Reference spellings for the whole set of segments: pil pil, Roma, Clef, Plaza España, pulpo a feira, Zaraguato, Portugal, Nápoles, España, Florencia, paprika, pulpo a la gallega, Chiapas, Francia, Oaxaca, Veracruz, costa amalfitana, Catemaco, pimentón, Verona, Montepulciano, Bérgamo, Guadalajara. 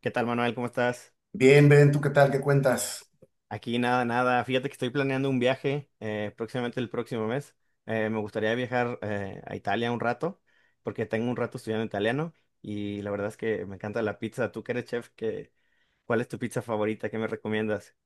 ¿Qué tal, Manuel? ¿Cómo estás? Bien, Ben, ¿tú qué tal? ¿Qué cuentas? Aquí nada, nada. Fíjate que estoy planeando un viaje próximamente el próximo mes. Me gustaría viajar a Italia un rato, porque tengo un rato estudiando italiano y la verdad es que me encanta la pizza. Tú que eres chef, ¿cuál es tu pizza favorita? ¿Qué me recomiendas?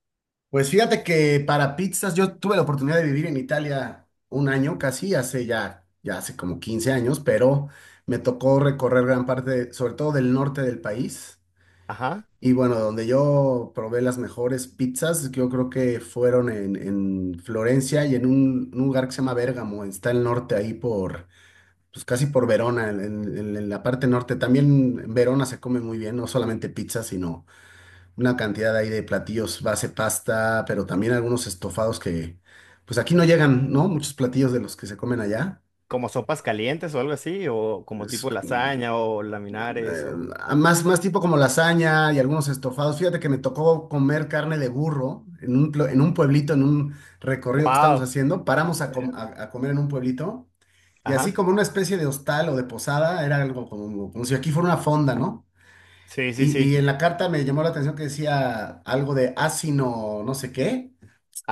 Pues fíjate que para pizzas yo tuve la oportunidad de vivir en Italia un año casi, ya hace como 15 años, pero me tocó recorrer gran parte, sobre todo del norte del país. Ajá. Y bueno, donde yo probé las mejores pizzas, yo creo que fueron en Florencia y en un lugar que se llama Bérgamo, está el norte ahí por, pues casi por Verona, en la parte norte. También en Verona se come muy bien, no solamente pizza, sino una cantidad ahí de platillos base pasta, pero también algunos estofados que, pues aquí no llegan, ¿no? Muchos platillos de los que se comen allá. ¿Como sopas calientes o algo así? ¿O como Es, tipo mm, lasaña o laminares? eh, O... más tipo como lasaña y algunos estofados. Fíjate que me tocó comer carne de burro en un pueblito, en un recorrido que estamos ¡Wow! haciendo. Paramos a comer en un pueblito, y así Ajá. como una especie de hostal o de posada, era algo como si aquí fuera una fonda, ¿no? Sí, sí, Y, sí. y en la carta me llamó la atención que decía algo de asino, no sé qué.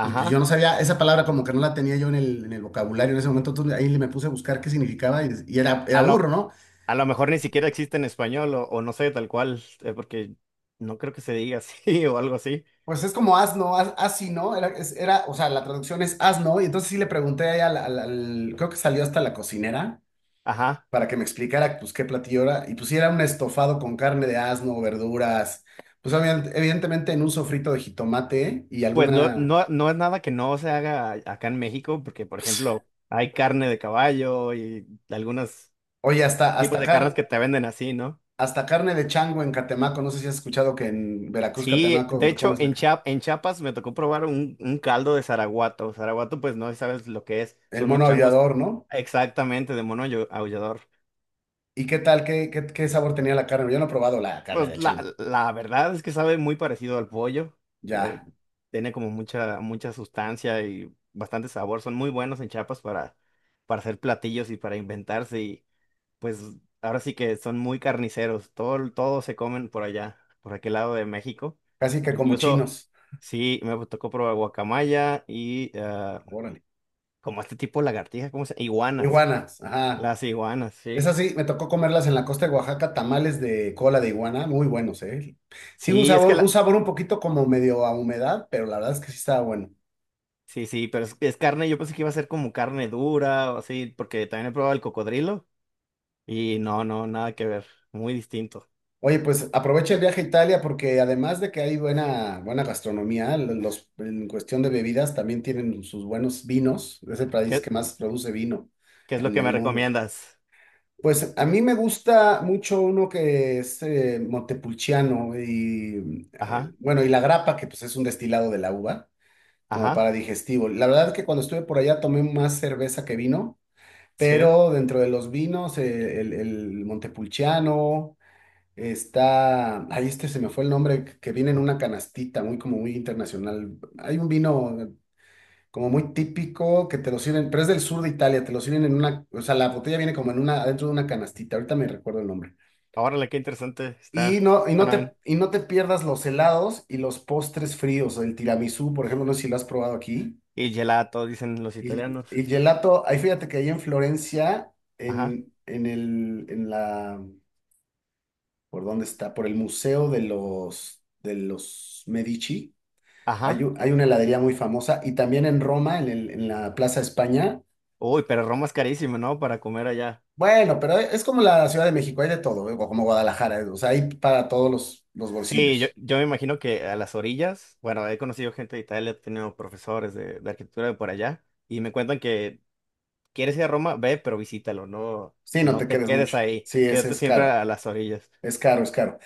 Y pues yo no sabía, esa palabra como que no la tenía yo en el vocabulario en ese momento, entonces ahí le me puse a buscar qué significaba y era burro, ¿no? A lo mejor ni siquiera existe en español o no sé, tal cual, porque no creo que se diga así o algo así. Pues es como asno, asino, era, o sea, la traducción es asno, y entonces sí le pregunté ahí creo que salió hasta la cocinera Ajá. para que me explicara pues qué platillo era, y pues sí era un estofado con carne de asno, verduras, pues evidentemente en un sofrito de jitomate y Pues no, alguna, no, no es nada que no se haga acá en México, porque por pues, ejemplo hay carne de caballo y algunos oye, hasta, tipos hasta, de carnes car- que te venden así, ¿no? hasta carne de chango en Catemaco, no sé si has escuchado que en Veracruz, Sí, de Catemaco, ¿cómo hecho es la en carne? En Chiapas me tocó probar un caldo de Zaraguato. Zaraguato pues no sabes lo que es, El son unos mono changos aviador, ¿no? exactamente de mono aullador. ¿Y qué tal? ¿Qué sabor tenía la carne? Yo no he probado la carne de Pues la, chango. la verdad es que sabe muy parecido al pollo. La- Ya, tiene como mucha, mucha sustancia y bastante sabor. Son muy buenos en Chiapas para hacer platillos y para inventarse. Y pues ahora sí que son muy carniceros. Todo, todo se comen por allá, por aquel lado de México. casi que como Incluso, chinos. sí, me tocó probar guacamaya y ah, Órale. como este tipo de lagartija, ¿cómo se Iguanas. Iguanas, ajá. Las iguanas, sí. Esas sí, me tocó comerlas en la costa de Oaxaca, tamales de cola de iguana, muy buenos, ¿eh? Sí, un Sí, es sabor, que un la- sabor un poquito como medio a humedad, pero la verdad es que sí estaba bueno. Sí, sí, pero es carne, yo pensé que iba a ser como carne dura o así, porque también he probado el cocodrilo y no, no, nada que ver, muy distinto. Oye, pues aprovecha el viaje a Italia porque además de que hay buena, buena gastronomía, en cuestión de bebidas también tienen sus buenos vinos. Es el país que ¿Qué, más produce vino qué es lo en que el me mundo. recomiendas? Pues a mí me gusta mucho uno que es Montepulciano y Ajá, bueno, y la grapa, que pues es un destilado de la uva, como ajá, para digestivo. La verdad que cuando estuve por allá tomé más cerveza que vino, sí. pero dentro de los vinos, el Montepulciano está, ahí este se me fue el nombre, que viene en una canastita, muy como muy internacional. Hay un vino como muy típico, que te lo sirven, pero es del sur de Italia, te lo sirven en una, o sea, la botella viene como en una, adentro de una canastita, ahorita me recuerdo el nombre. Órale, qué interesante Y está. no, y no Suena te, bien. y no te pierdas los helados y los postres fríos, el tiramisú, por ejemplo, no sé si lo has probado aquí. Y gelato, dicen los Y, italianos. y gelato, ahí fíjate que ahí en Florencia, Ajá, en el, en la, ¿por dónde está? Por el Museo de los Medici, hay, ajá. un- hay una heladería muy famosa. Y también en Roma, en la Plaza España. Uy, pero Roma es carísimo, ¿no? Para comer allá. Bueno, pero es como la Ciudad de México, hay de todo, ¿eh? O como Guadalajara, ¿eh? O sea, hay para todos los Sí, bolsillos. yo me imagino que a las orillas, bueno, he conocido gente de Italia, he tenido profesores de arquitectura de por allá, y me cuentan que ¿quieres ir a Roma? Ve, pero visítalo, no, Sí, no no te te quedes quedes mucho. ahí, Sí, ese quédate es siempre caro, a las orillas. es caro, es caro.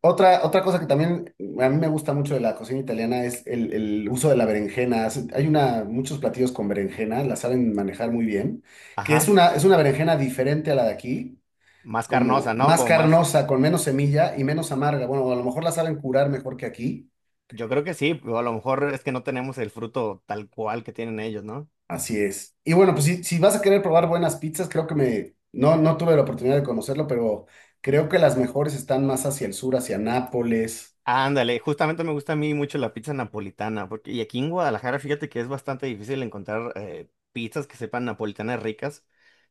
Otra cosa que también a mí me gusta mucho de la cocina italiana es el uso de la berenjena. Muchos platillos con berenjena, la saben manejar muy bien, que es Ajá, una, es una berenjena diferente a la de aquí, más como carnosa, ¿no? más Como más, carnosa, con menos semilla y menos amarga. Bueno, a lo mejor la saben curar mejor que aquí. yo creo que sí, o a lo mejor es que no tenemos el fruto tal cual que tienen ellos, ¿no? Así es. Y bueno, pues si vas a querer probar buenas pizzas, creo que No tuve la oportunidad de conocerlo, pero creo que las mejores están más hacia el sur, hacia Nápoles. Ándale, justamente me gusta a mí mucho la pizza napolitana, porque y aquí en Guadalajara, fíjate que es bastante difícil encontrar pizzas que sepan napolitanas ricas,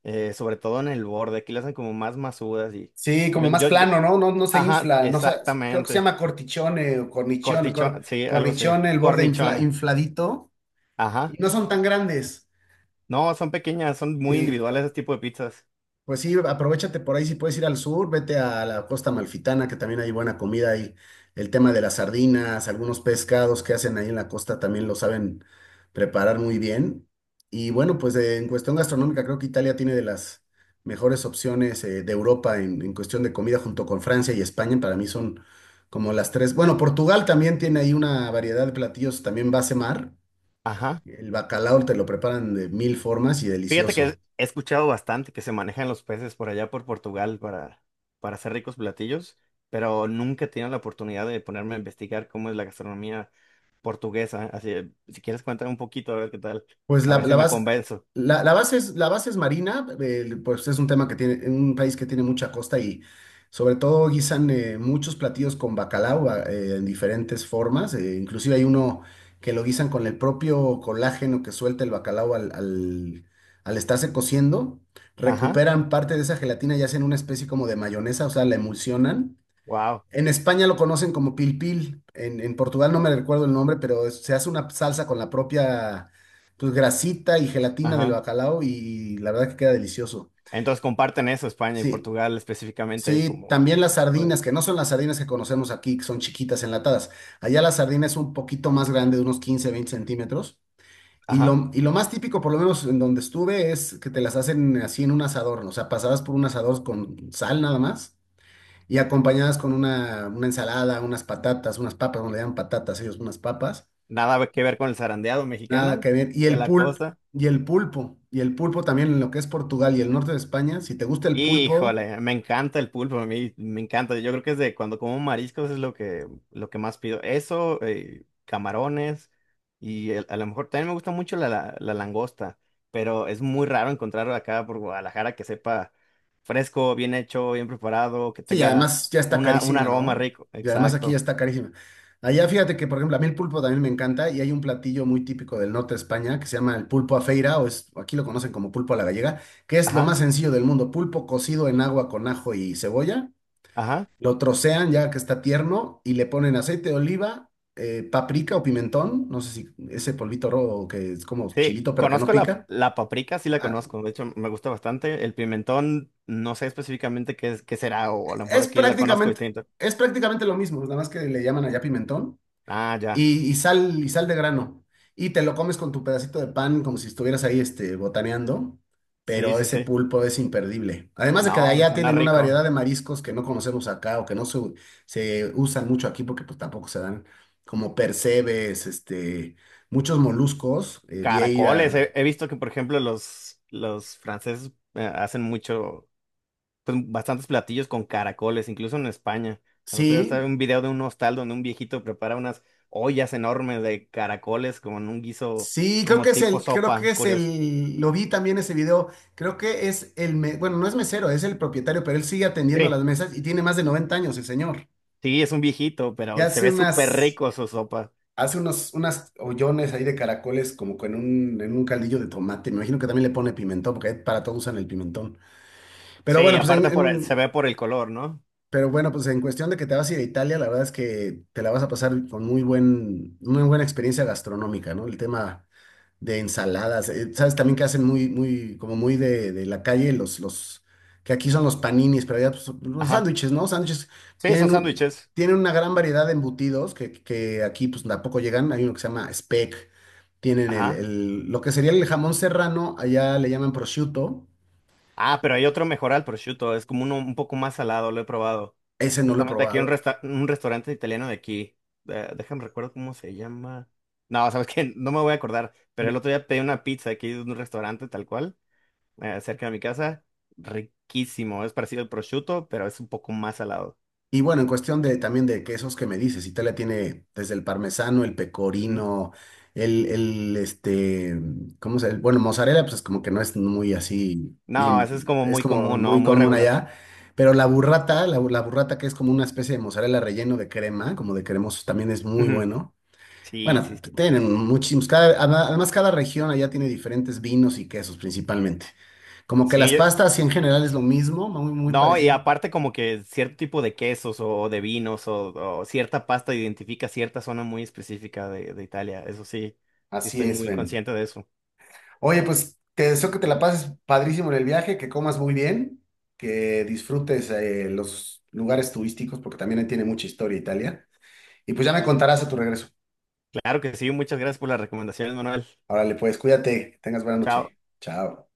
sobre todo en el borde, aquí las hacen como más masudas y Sí, como más yo, plano, ¿no? No, no se ajá, infla, no sé, creo que se exactamente, llama cortichone o cornichone, cortichón, cor- sí, algo así, cornichone, el borde infla- cornichones, infladito, y ajá. no son tan grandes. No, son pequeñas, son muy Sí. individuales ese tipo de pizzas. Pues sí, aprovéchate por ahí, si puedes ir al sur, vete a la costa amalfitana, que también hay buena comida ahí. El tema de las sardinas, algunos pescados que hacen ahí en la costa también lo saben preparar muy bien. Y bueno, pues en cuestión gastronómica, creo que Italia tiene de las mejores opciones de Europa en cuestión de comida, junto con Francia y España. Para mí son como las tres. Bueno, Portugal también tiene ahí una variedad de platillos, también base mar. Ajá. El bacalao te lo preparan de mil formas y Fíjate que delicioso. he escuchado bastante que se manejan los peces por allá por Portugal para hacer ricos platillos, pero nunca he tenido la oportunidad de ponerme a investigar cómo es la gastronomía portuguesa. Así, si quieres cuéntame un poquito, a ver qué tal, Pues a la, ver la si me base, convenzo. La base es marina, pues es un tema que tiene, en un país que tiene mucha costa y sobre todo guisan muchos platillos con bacalao, en diferentes formas, inclusive hay uno que lo guisan con el propio colágeno que suelta el bacalao al estarse cociendo, Ajá. recuperan parte de esa gelatina y hacen una especie como de mayonesa, o sea, la emulsionan. Wow. En España lo conocen como pil pil. En Portugal no me recuerdo el nombre, pero se hace una salsa con la propia pues, grasita y gelatina del Ajá. bacalao y, la verdad que queda delicioso. Entonces comparten eso, España y Sí, Portugal específicamente sí, como... también las sardinas, que no son las sardinas que conocemos aquí, que son chiquitas enlatadas. Allá la sardina es un poquito más grande, de unos 15, 20 centímetros. Y Ajá. lo, y lo más típico, por lo menos en donde estuve, es que te las hacen así en un asador, ¿no? O sea, pasadas por un asador con sal nada más y acompañadas con una, ensalada, unas patatas, unas papas, no le llaman patatas ellos, unas papas, Nada que ver con el zarandeado nada mexicano que ver. Y de el la pulp, costa. Y el pulpo también en lo que es Portugal y el norte de España, si te gusta el pulpo, Híjole, me encanta el pulpo, a mí me encanta. Yo creo que es de cuando como mariscos es lo que más pido. Eso, camarones y a lo mejor también me gusta mucho la, la, la langosta, pero es muy raro encontrar acá por Guadalajara que sepa fresco, bien hecho, bien preparado, que sí, y tenga además ya está una, un carísima, aroma ¿no? rico. Y además aquí ya Exacto. está carísima. Allá fíjate que, por ejemplo, a mí el pulpo también me encanta y hay un platillo muy típico del norte de España que se llama el pulpo a feira, aquí lo conocen como pulpo a la gallega, que es lo Ajá, más sencillo del mundo, pulpo cocido en agua con ajo y cebolla. ajá. Lo trocean ya que está tierno y le ponen aceite de oliva, paprika o pimentón, no sé si ese polvito rojo que es como Sí, chilito pero que no conozco la, pica. la paprika, sí la Ah, conozco. De hecho, me gusta bastante. El pimentón, no sé específicamente qué es, qué será, o a lo mejor es aquí la conozco prácticamente, distinto. es prácticamente lo mismo, nada más que le llaman allá pimentón. Ah, ya. Y sal de grano. Y te lo comes con tu pedacito de pan como si estuvieras ahí botaneando, Sí, pero sí, ese sí. pulpo es imperdible. Además de No, que de allá suena tienen una rico. variedad de mariscos que no conocemos acá o que no se, u- se usan mucho aquí porque pues tampoco se dan como percebes, muchos moluscos, Caracoles. vieira. He, he visto que, por ejemplo, los franceses hacen mucho, pues bastantes platillos con caracoles, incluso en España. El otro día estaba Sí, en un video de un hostal donde un viejito prepara unas ollas enormes de caracoles como en un guiso, sí, creo como que es tipo el, creo que sopa, es curioso. el, lo vi también ese video, creo que es el, me- bueno, no es mesero, es el propietario, pero él sigue atendiendo las Sí, mesas y tiene más de 90 años el señor. sí, es un viejito, Y pero se hace ve súper unas, rico su sopa. hace unas hoyones ahí de caracoles como en un caldillo de tomate. Me imagino que también le pone pimentón, porque para todo usan el pimentón. Pero Sí, bueno, pues en, aparte por, se en- ve por el color, ¿no? pero bueno, pues en cuestión de que te vas a ir a Italia, la verdad es que te la vas a pasar con muy buena experiencia gastronómica, ¿no? El tema de ensaladas. ¿Sabes también que hacen muy, muy, como muy de la calle? Que aquí son los paninis, pero allá pues, son los Ajá. sándwiches, ¿no? Sándwiches Sí, son tienen, un- sándwiches. tienen una gran variedad de embutidos que aquí pues tampoco llegan. Hay uno que se llama speck. Tienen Ajá. Lo que sería el jamón serrano, allá le llaman prosciutto. Ah, pero hay otro mejor al prosciutto, es como uno un poco más salado, lo he probado. Ese no lo he Justamente aquí hay un, probado. Un restaurante italiano de aquí. Déjame recuerdo cómo se llama. No, sabes que no me voy a acordar, pero el otro día pedí una pizza aquí de un restaurante tal cual, cerca de mi casa. Riquísimo, es parecido al prosciutto, pero es un poco más salado. Y bueno, en cuestión de también de quesos que me dices, Italia tiene desde el parmesano, el Ujú. pecorino, el, el este, ¿cómo se llama? Bueno, mozzarella, pues como que no es muy así, No, eso es bien, como es muy como común, ¿no? muy Muy común regular. allá, pero la burrata, la burrata que es como una especie de mozzarella relleno de crema, como de cremoso, también es muy Ujú. bueno. Sí, sí, Bueno, sí. tienen muchísimos, además cada región allá tiene diferentes vinos y quesos principalmente. Como que Sí, las yo, pastas sí en general es lo mismo, muy, muy no, y parecido. aparte como que cierto tipo de quesos o de vinos o cierta pasta identifica cierta zona muy específica de Italia. Eso sí, sí Así estoy es, muy Ben. consciente de eso. Oye, pues te deseo que te la pases padrísimo en el viaje, que comas muy bien, que disfrutes los lugares turísticos, porque también ahí tiene mucha historia Italia. Y pues ya me contarás a tu regreso. Claro que sí, muchas gracias por las recomendaciones, Manuel. Órale, pues cuídate, que tengas buena Chao. noche. Chao.